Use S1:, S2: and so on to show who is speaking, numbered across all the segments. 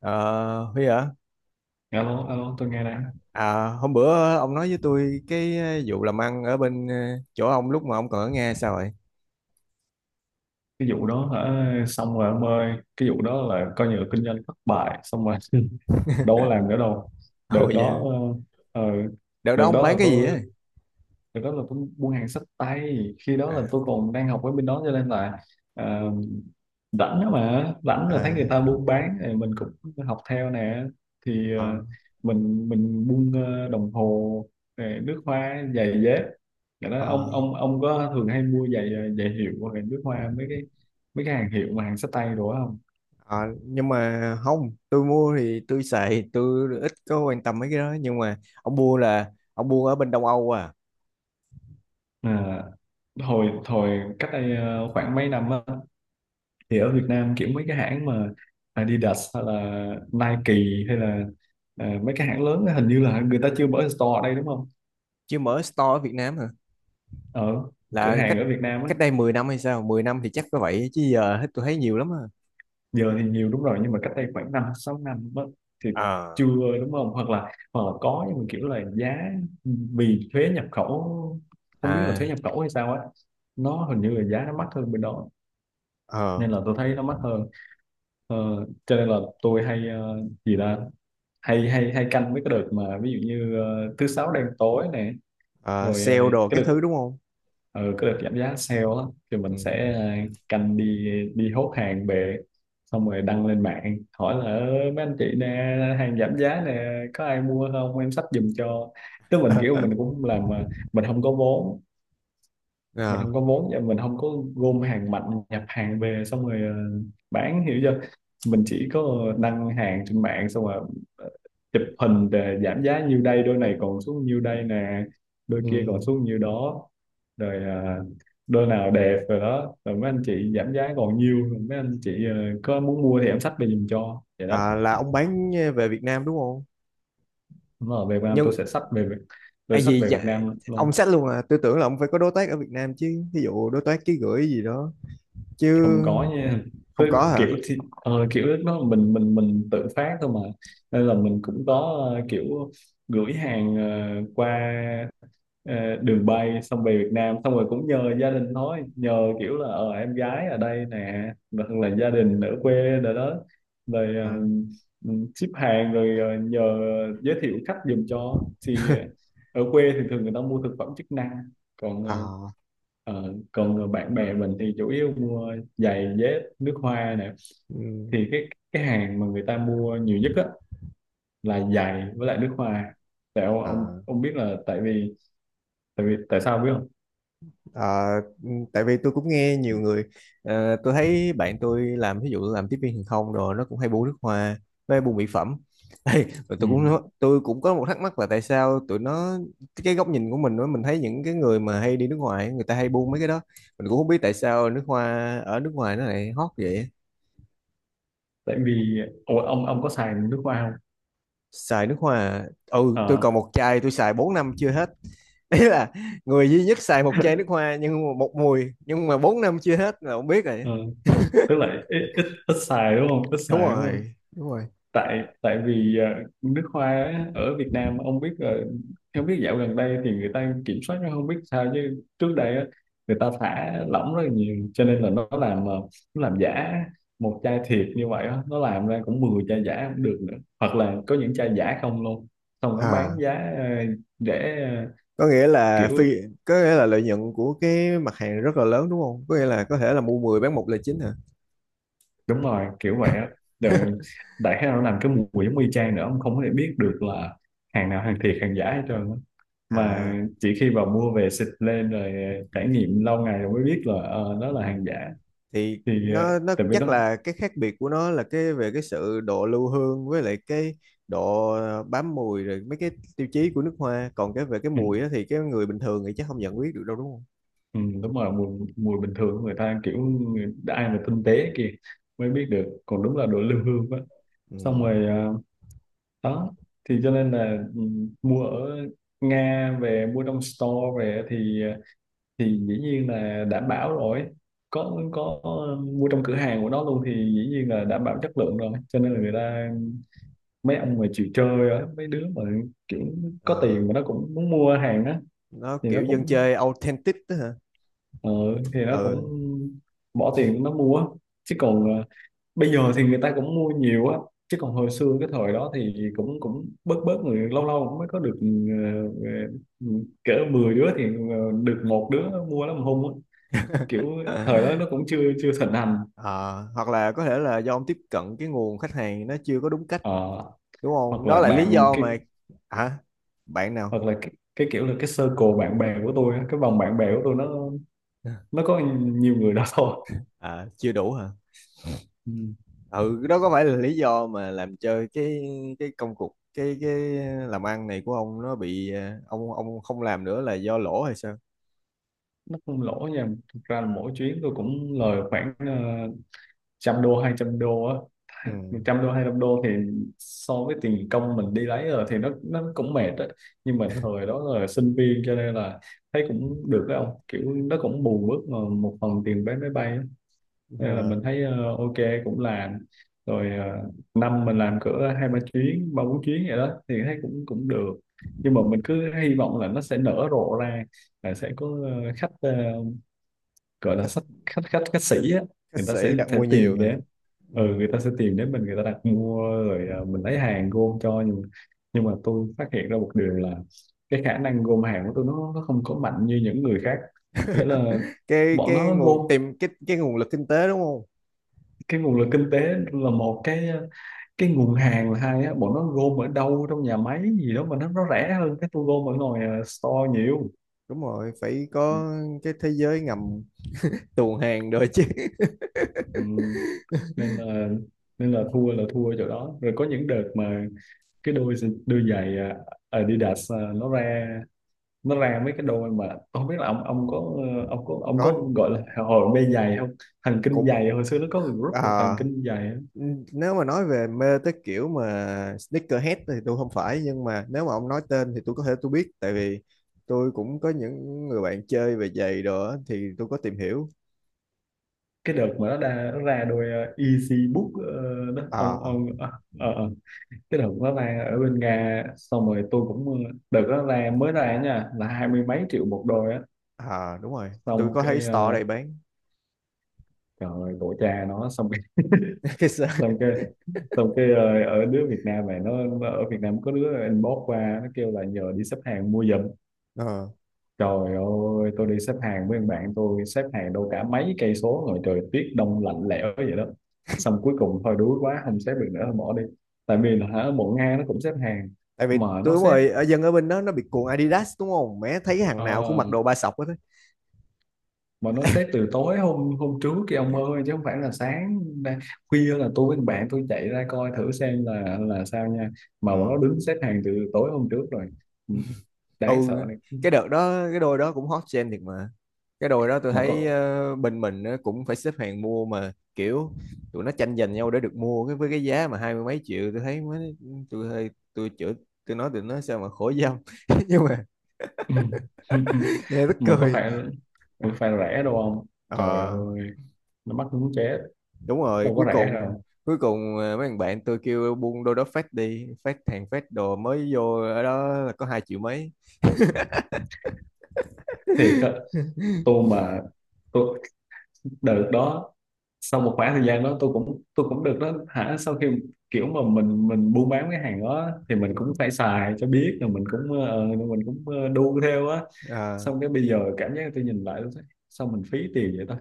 S1: Ờ, Huy hả?
S2: Alo alo, tôi nghe đây.
S1: À, à, hôm bữa ông nói với tôi cái vụ làm ăn ở bên chỗ ông lúc mà ông còn ở Nga sao vậy?
S2: Cái vụ đó hả? Xong rồi ông ơi, cái vụ đó là coi như là kinh doanh thất bại xong rồi. Đâu có làm nữa đâu.
S1: Ồ
S2: Đợt
S1: dạ,
S2: đó ờ, ờ,
S1: đợt đó
S2: đợt
S1: ông
S2: đó
S1: bán
S2: là
S1: cái gì
S2: tôi.
S1: á?
S2: Đó là tôi buôn hàng xách tay, khi đó
S1: À,
S2: là tôi còn đang học ở bên đó, cho nên là ờ, rảnh đó mà, rảnh là thấy người
S1: à,
S2: ta buôn bán thì mình cũng học theo nè. Thì
S1: ờ,
S2: mình buôn đồng hồ rồi nước hoa, giày dép. Rồi đó,
S1: ờ,
S2: ông có thường hay mua giày giày hiệu hoặc là nước hoa, mấy cái hàng hiệu mà hàng xách tay đồ đó không?
S1: ờ, nhưng mà không, tôi mua thì tôi xài, tôi ít có quan tâm mấy cái đó. Nhưng mà ông mua là ông mua ở bên Đông Âu à?
S2: À, hồi hồi cách đây khoảng mấy năm á, thì ở Việt Nam kiểu mấy cái hãng mà Adidas hay là Nike hay là mấy cái hãng lớn á, hình như là người ta chưa mở store ở đây đúng không?
S1: Chứ mở store ở Việt Nam hả?
S2: Ở cửa
S1: Là cách
S2: hàng ở Việt Nam á.
S1: cách đây 10 năm hay sao? 10 năm thì chắc có vậy chứ giờ hết tôi thấy nhiều lắm à.
S2: Giờ thì nhiều đúng rồi, nhưng mà cách đây khoảng năm sáu năm á, thì chưa
S1: À,
S2: đúng không, hoặc là có nhưng mà kiểu là giá, vì thuế nhập khẩu, không biết là
S1: à,
S2: thuế nhập khẩu hay sao á, nó hình như là giá nó mắc hơn bên đó.
S1: ờ,
S2: Nên là tôi thấy nó mắc hơn. Ờ, cho nên là tôi hay gì ta, hay hay hay canh với cái đợt mà ví dụ như thứ sáu đen tối này
S1: ờ,
S2: rồi
S1: sale đồ
S2: cái
S1: các
S2: đợt
S1: thứ đúng không?
S2: ờ, cái đợt giảm giá sale á, thì
S1: Ừ.
S2: mình sẽ canh đi, đi hốt hàng về, xong rồi đăng lên mạng hỏi là "Ơ, mấy anh chị nè, hàng giảm giá nè, có ai mua không em xách giùm cho." Tức mình kiểu mình cũng làm mà mình không có vốn, mình
S1: À,
S2: không có vốn và mình không có gom hàng mạnh, nhập hàng về xong rồi bán, hiểu chưa. Mình chỉ có đăng hàng trên mạng xong rồi ờ, chụp hình để giảm giá nhiêu đây, đôi này còn xuống nhiêu đây nè, đôi kia còn
S1: ừ.
S2: xuống nhiêu đó. Rồi đôi nào đẹp rồi đó, rồi mấy anh chị giảm giá còn nhiêu, rồi mấy anh chị có muốn mua thì em xách về giùm cho, vậy đó.
S1: À, là ông bán về Việt Nam đúng không?
S2: Mà về Việt Nam tôi
S1: Nhưng
S2: sẽ xách về Việt-,
S1: à,
S2: tôi xách
S1: gì
S2: về Việt
S1: dạ,
S2: Nam luôn.
S1: ông xách luôn à? Tôi tưởng là ông phải có đối tác ở Việt Nam chứ, ví dụ đối tác ký gửi gì đó chứ.
S2: Không có nha.
S1: Không
S2: Tức
S1: có hả?
S2: kiểu thì kiểu lúc đó mình tự phát thôi mà, nên là mình cũng có kiểu gửi hàng qua đường bay xong về Việt Nam, xong rồi cũng nhờ gia đình thôi, nhờ kiểu là ờ em gái ở đây nè, hoặc là gia đình ở quê, rồi đó, rồi
S1: À,
S2: ship hàng rồi nhờ giới thiệu khách giùm cho. Thì ở quê thì thường người ta mua thực phẩm chức năng, còn
S1: à,
S2: bạn bè mình thì chủ yếu mua giày dép, nước hoa nè.
S1: ừ,
S2: Thì cái hàng mà người ta mua nhiều nhất á là giày với lại nước hoa. Tại ông ông
S1: à.
S2: ông biết là tại vì, tại sao biết không?
S1: Ờ, tại vì tôi cũng nghe nhiều người, tôi thấy bạn tôi làm ví dụ làm tiếp viên hàng không rồi nó cũng hay buôn nước hoa với buôn mỹ phẩm. Ê, rồi
S2: Ừ.
S1: tôi cũng có một thắc mắc là tại sao tụi nó, cái góc nhìn của mình đó, mình thấy những cái người mà hay đi nước ngoài người ta hay buôn mấy cái đó, mình cũng không biết tại sao nước hoa ở nước ngoài nó lại hot vậy.
S2: Tại vì, ủa, ông có xài nước hoa không?
S1: Xài nước hoa à? Ừ, tôi
S2: Ờ,
S1: còn một chai tôi xài 4 năm chưa hết. Đấy là người duy nhất xài một chai nước hoa nhưng mà một mùi, nhưng mà 4 năm chưa hết là không biết rồi.
S2: ờ, tức là ít, ít xài đúng không? Ít
S1: Đúng
S2: xài đúng không?
S1: rồi, đúng rồi.
S2: Tại tại vì nước hoa á, ở Việt Nam ông biết rồi, không biết dạo gần đây thì người ta kiểm soát nó không biết sao, chứ trước đây á, người ta thả lỏng rất là nhiều, cho nên là nó làm nó làm giả. Một chai thiệt như vậy á, nó làm ra cũng 10 chai giả cũng được nữa. Hoặc là có những chai giả không luôn. Xong nó bán
S1: À.
S2: giá để
S1: có nghĩa là
S2: kiểu
S1: phi có nghĩa là lợi nhuận của cái mặt hàng rất là lớn đúng không, có nghĩa là có thể là mua 10 bán một là chính hả?
S2: đúng rồi, kiểu vậy á. Rồi đại khái nó làm cái mùi giống y chang nữa, ông không có thể biết được là hàng nào hàng thiệt, hàng giả hết trơn á. Mà
S1: À.
S2: chỉ khi vào mua về xịt lên rồi trải nghiệm lâu ngày rồi mới biết là
S1: Ừ.
S2: đó là hàng giả.
S1: Thì
S2: Thì
S1: nó
S2: tại vì
S1: chắc
S2: đó.
S1: là cái khác biệt của nó là cái về cái sự độ lưu hương với lại cái độ bám mùi rồi mấy cái tiêu chí của nước hoa, còn cái về cái
S2: Ừ,
S1: mùi á thì cái người bình thường thì chắc không nhận biết được đâu đúng không?
S2: ừ, đúng rồi, mùi mùi bình thường của người ta kiểu người-, ai mà tinh tế kia mới biết được, còn đúng là đồ lưu hương á.
S1: Ừ.
S2: Xong rồi đó, thì cho nên là ừ, mua ở Nga về, mua trong store về thì thì dĩ nhiên là đảm bảo rồi, có mua trong cửa hàng của nó luôn thì dĩ nhiên là đảm bảo chất lượng rồi. Cho nên là người ta, mấy ông mà chịu chơi á, mấy đứa mà kiểu có
S1: Ờ,
S2: tiền mà nó cũng muốn mua hàng á,
S1: nó
S2: thì nó
S1: kiểu dân
S2: cũng
S1: chơi authentic đó hả?
S2: ờ, thì nó cũng
S1: Ừ.
S2: bỏ tiền nó mua. Chứ còn bây giờ thì người ta cũng mua nhiều á, chứ còn hồi xưa cái thời đó thì cũng cũng bớt bớt người, lâu lâu cũng mới có được ờ, cỡ 10 đứa thì được một đứa mua, lắm hung á kiểu. Thời đó nó cũng chưa chưa thịnh hành.
S1: Ờ, hoặc là có thể là do ông tiếp cận cái nguồn khách hàng nó chưa có đúng cách,
S2: Ờ,
S1: đúng
S2: hoặc
S1: không, đó
S2: là
S1: là lý
S2: bạn
S1: do
S2: cái,
S1: mà. Hả? Bạn nào?
S2: hoặc là cái kiểu là cái circle bạn bè của tôi á, cái vòng bạn bè của tôi nó có nhiều người đó thôi.
S1: À, chưa đủ hả?
S2: Ừ.
S1: Ừ, đó có phải là lý do mà làm cho cái công cuộc cái làm ăn này của ông nó bị, ông không làm nữa là do lỗ hay sao?
S2: Nó không lỗ nha, thực ra là mỗi chuyến tôi cũng lời khoảng trăm đô, hai trăm đô á.
S1: Ừ.
S2: Mà trăm đô hai trăm đô thì so với tiền công mình đi lấy rồi thì nó cũng mệt á. Nhưng mà thời đó là sinh viên cho nên là thấy cũng được đấy ông, kiểu nó cũng bù mất một phần tiền vé máy bay á. Nên là
S1: Ờ,
S2: mình thấy ờ, ok, cũng làm. Rồi năm mình làm cỡ hai ba chuyến, ba bốn chuyến vậy đó, thì thấy cũng cũng được. Nhưng mà mình cứ hy vọng là nó sẽ nở rộ ra, là sẽ có khách gọi là
S1: khách
S2: khách khách khách khách sĩ á,
S1: khách
S2: người ta
S1: sĩ đặt
S2: sẽ
S1: mua nhiều
S2: tìm
S1: hả?
S2: đến.
S1: Ừ.
S2: Ừ, người ta sẽ tìm đến mình, người ta đặt mua rồi mình lấy hàng gom cho. Nhưng mà tôi phát hiện ra một điều là cái khả năng gom hàng của tôi nó không có mạnh như những người khác. Nghĩa là
S1: cái
S2: bọn
S1: cái
S2: nó
S1: nguồn
S2: gom
S1: tìm cái cái nguồn lực kinh tế đúng không?
S2: cái nguồn lực kinh tế là một cái cái nguồn hàng là hai á, bọn nó gom ở đâu trong nhà máy gì đó mà nó rẻ hơn cái tôi gom ở ngoài store nhiều.
S1: Đúng rồi phải
S2: Ừ.
S1: có cái thế giới ngầm tuồn hàng rồi chứ.
S2: Ừ. Nên là thua là thua ở chỗ đó. Rồi có những đợt mà cái đôi, đôi giày à, Adidas à, nó ra, nó ra mấy cái đôi mà, không biết là ông có ông có, ông có
S1: Có.
S2: gọi là hồi mê giày không, thần kinh
S1: Cũng.
S2: giày, hồi xưa nó có người group là thần
S1: Ờ,
S2: kinh giày á.
S1: nếu mà nói về mê tới kiểu mà sneakerhead thì tôi không phải, nhưng mà nếu mà ông nói tên thì tôi có thể tôi biết tại vì tôi cũng có những người bạn chơi về giày đồ á, thì tôi có tìm hiểu.
S2: Cái đợt mà nó ra, nó ra đôi Easy Book đó
S1: Ờ.
S2: ông, ờ, ờ. cái đợt đó ra ở bên Nga, xong rồi tôi cũng đợt đó ra mới ra nha, là hai mươi mấy triệu một đôi á.
S1: À, đúng rồi, tôi
S2: Xong
S1: có thấy
S2: cái
S1: store ở đây bán.
S2: trời ơi, tổ cha nó. Xong cái
S1: Cái sơ-
S2: xong cái ở đứa Việt Nam này nó ở Việt Nam có đứa inbox qua nó kêu là nhờ đi xếp hàng mua giùm.
S1: Ờ,
S2: Trời ơi, tôi đi xếp hàng với thằng bạn tôi, xếp hàng đâu cả mấy cây số, rồi trời tuyết đông lạnh lẽo vậy đó, xong cuối cùng thôi đuối quá không xếp được nữa, thôi bỏ đi. Tại vì là hả, bộ Nga nó cũng xếp hàng.
S1: tại vì
S2: Mà
S1: tôi,
S2: nó
S1: đúng
S2: xếp,
S1: rồi, dân ở bên đó nó bị cuồng Adidas đúng không, mẹ thấy cái hàng
S2: ờ,
S1: nào cũng mặc đồ ba sọc hết á.
S2: mà nó xếp từ tối hôm, trước kia ông ơi, chứ không phải là sáng ra-, khuya là tôi với thằng bạn tôi chạy ra coi thử xem là sao nha. Mà bọn
S1: Ừ.
S2: nó đứng xếp hàng từ tối hôm trước rồi. Ừ,
S1: Ừ,
S2: đáng sợ này.
S1: cái đợt đó cái đôi đó cũng hot trend thiệt mà, cái đôi đó tôi
S2: Mà
S1: thấy
S2: có,
S1: bên mình nó cũng phải xếp hàng mua mà kiểu tụi nó tranh giành nhau để được mua cái với cái giá mà hai mươi mấy triệu, tôi thấy mới, tôi hơi tôi chửi, tôi nói tụi nó sao mà khổ dâm. Nhưng mà nghe tức
S2: mà có
S1: cười.
S2: phải mà có phải rẻ đâu không, trời
S1: Ờ,
S2: ơi, nó mắc muốn chết,
S1: đúng rồi,
S2: đâu có rẻ đâu.
S1: cuối cùng mấy thằng bạn tôi kêu buông đôi đó phát đi, phát hàng phát đồ mới vô ở đó là có hai triệu mấy.
S2: Thiệt á. Tôi mà, tôi đợt đó, sau một khoảng thời gian đó tôi cũng, được đó hả, sau khi kiểu mà mình buôn bán cái hàng đó thì mình
S1: Ừ.
S2: cũng phải xài cho biết, rồi mình cũng mình cũng đu theo á.
S1: Ờ,
S2: Xong cái bây giờ cảm giác tôi nhìn lại tôi thấy, sao mình phí tiền vậy ta.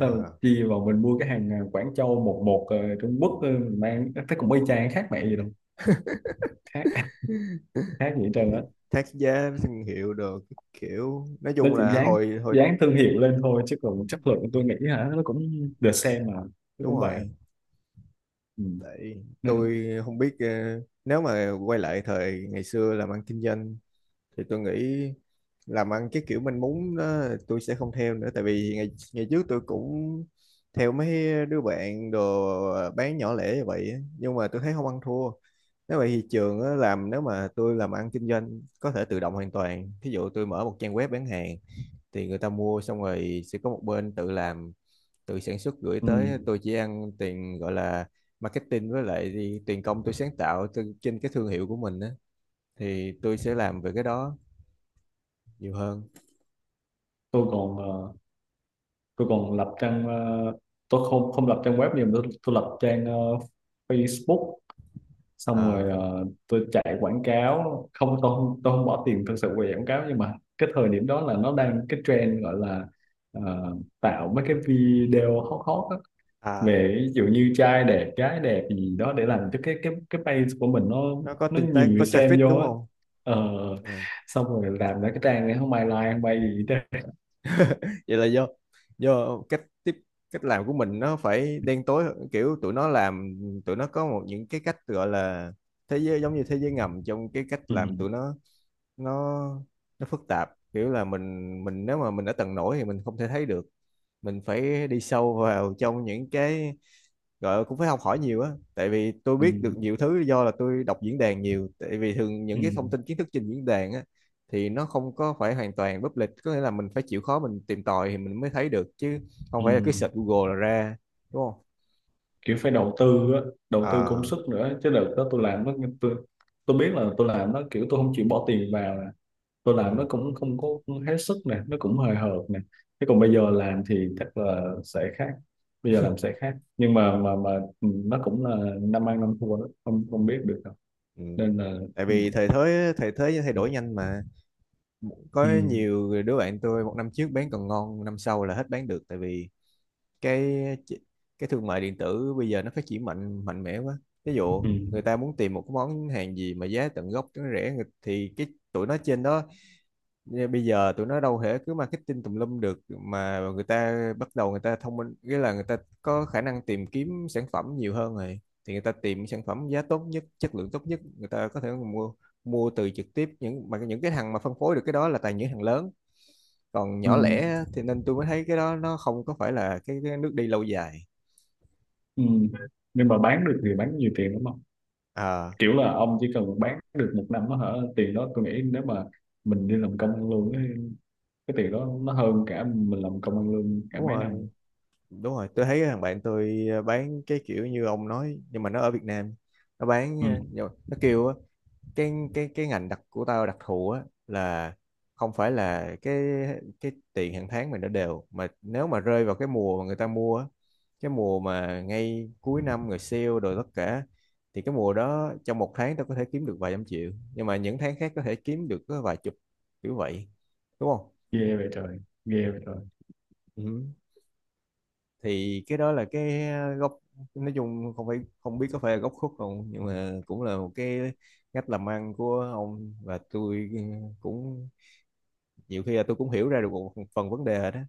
S2: Tao chi vào mình mua cái hàng Quảng Châu, một một Trung Quốc mình mang thấy cũng y chang, khác mẹ gì đâu, khác, khác gì hết trơn á.
S1: Thác giá thương hiệu được, kiểu nói
S2: Nó
S1: chung
S2: chỉ
S1: là
S2: dán,
S1: hồi hồi
S2: thương hiệu lên thôi, chứ còn chất lượng tôi nghĩ hả, nó cũng the same mà, nó
S1: đúng
S2: cũng vậy.
S1: rồi.
S2: Ừ.
S1: Tại
S2: Nên,
S1: tôi không biết, nếu mà quay lại thời ngày xưa làm ăn kinh doanh thì tôi nghĩ làm ăn cái kiểu mình muốn đó tôi sẽ không theo nữa, tại vì ngày ngày trước tôi cũng theo mấy đứa bạn đồ bán nhỏ lẻ như vậy á, nhưng mà tôi thấy không ăn thua. Nếu vậy thì trường á, làm nếu mà tôi làm ăn kinh doanh có thể tự động hoàn toàn, ví dụ tôi mở một trang web bán hàng thì người ta mua xong rồi sẽ có một bên tự làm tự sản xuất gửi
S2: ừ,
S1: tới, tôi chỉ ăn tiền gọi là marketing với lại tiền công tôi sáng tạo trên cái thương hiệu của mình á, thì tôi sẽ làm về cái đó nhiều hơn.
S2: tôi còn tôi còn lập trang tôi không, lập trang web, nhưng mà tôi, lập trang Facebook, xong rồi
S1: Ờ.
S2: tôi chạy quảng cáo không, tôi không bỏ tiền thực sự về quảng cáo. Nhưng mà cái thời điểm đó là nó đang cái trend gọi là ờ, tạo mấy cái video hot hot á,
S1: À,
S2: về ví dụ như trai đẹp gái đẹp gì đó, để làm cho cái page của mình nó
S1: nó có
S2: nó
S1: tương
S2: nhiều
S1: tác
S2: người
S1: có traffic
S2: xem vô
S1: đúng
S2: á.
S1: không?
S2: Ờ,
S1: Ừ.
S2: xong rồi làm ra cái trang này không ai like, không ai gì đó.
S1: Vậy là do cách làm của mình nó phải đen tối hơn, kiểu tụi nó làm, tụi nó có một những cái cách gọi là thế giới, giống như thế giới ngầm trong cái cách
S2: Ừ,
S1: làm tụi nó nó phức tạp, kiểu là mình nếu mà mình ở tầng nổi thì mình không thể thấy được, mình phải đi sâu vào trong những cái gọi là cũng phải học hỏi nhiều á, tại vì tôi
S2: ừ,
S1: biết được nhiều thứ do là tôi đọc diễn đàn nhiều, tại vì thường những cái thông
S2: ừ,
S1: tin kiến thức trên diễn đàn á thì nó không có phải hoàn toàn public, có nghĩa là mình phải chịu khó mình tìm tòi thì mình mới thấy được chứ không
S2: ừ.
S1: phải là cứ
S2: ừ.
S1: search Google là ra đúng không?
S2: kiểu phải đầu tư á, đầu tư công
S1: À.
S2: sức nữa chứ. Đợt đó tôi làm nó, tôi, biết là tôi làm nó kiểu tôi không chịu bỏ tiền vào nè, tôi làm nó
S1: Ừ,
S2: cũng không có hết sức nè, nó cũng hời hợt nè. Thế còn bây giờ làm thì chắc là sẽ khác, bây giờ làm sẽ khác, nhưng mà ừ, nó cũng là năm ăn năm thua đó, không không biết được đâu.
S1: ừ.
S2: Nên là
S1: Tại
S2: ừ,
S1: vì thời thế thay đổi nhanh mà, có
S2: ừ,
S1: nhiều đứa bạn tôi một năm trước bán còn ngon năm sau là hết bán được, tại vì cái cái thương mại điện tử bây giờ nó phát triển mạnh mạnh mẽ quá, ví dụ
S2: ừ,
S1: người ta muốn tìm một cái món hàng gì mà giá tận gốc nó rẻ, thì cái tụi nó trên đó, bây giờ tụi nó đâu thể cứ marketing tùm lum được, mà người ta bắt đầu người ta thông minh, nghĩa là người ta có khả năng tìm kiếm sản phẩm nhiều hơn rồi, thì người ta tìm sản phẩm giá tốt nhất chất lượng tốt nhất, người ta có thể mua mua từ trực tiếp những cái thằng mà phân phối được cái đó là toàn những thằng lớn, còn
S2: ừ,
S1: nhỏ lẻ thì, nên tôi mới thấy cái đó nó không có phải là cái nước đi lâu dài.
S2: ừ. nhưng mà bán được thì bán nhiều tiền đúng không,
S1: À,
S2: kiểu là ông chỉ cần bán được một năm đó hả, tiền đó tôi nghĩ nếu mà mình đi làm công ăn lương á, cái tiền đó nó hơn cả mình làm công ăn lương cả
S1: đúng
S2: mấy năm.
S1: rồi, đúng rồi, tôi thấy thằng bạn tôi bán cái kiểu như ông nói nhưng mà nó ở Việt Nam, nó bán
S2: Ừ.
S1: nhỏ- nó kêu á, cái ngành đặc của tao đặc thù á là, không phải là cái tiền hàng tháng mình đã đều mà nếu mà rơi vào cái mùa mà người ta mua á, cái mùa mà ngay cuối năm người sale rồi tất cả, thì cái mùa đó trong một tháng tao có thể kiếm được vài trăm triệu, nhưng mà những tháng khác có thể kiếm được có vài chục, kiểu vậy đúng không.
S2: Ghê vậy trời, ghê vậy trời.
S1: Ừ. Thì cái đó là cái góc, nói chung không phải, không biết có phải là góc khuất không, nhưng mà cũng là một cái cách làm ăn của ông và tôi, cũng nhiều khi là tôi cũng hiểu ra được một phần vấn đề đó.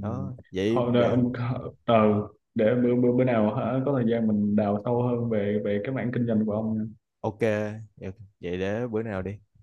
S1: Đó, vậy
S2: Thôi đợi,
S1: để,
S2: ông-, có-, ờ, để bữa, bữa nào hả có thời gian mình đào sâu hơn về về cái mảng kinh doanh của ông nha.
S1: ok vậy để bữa nào đi.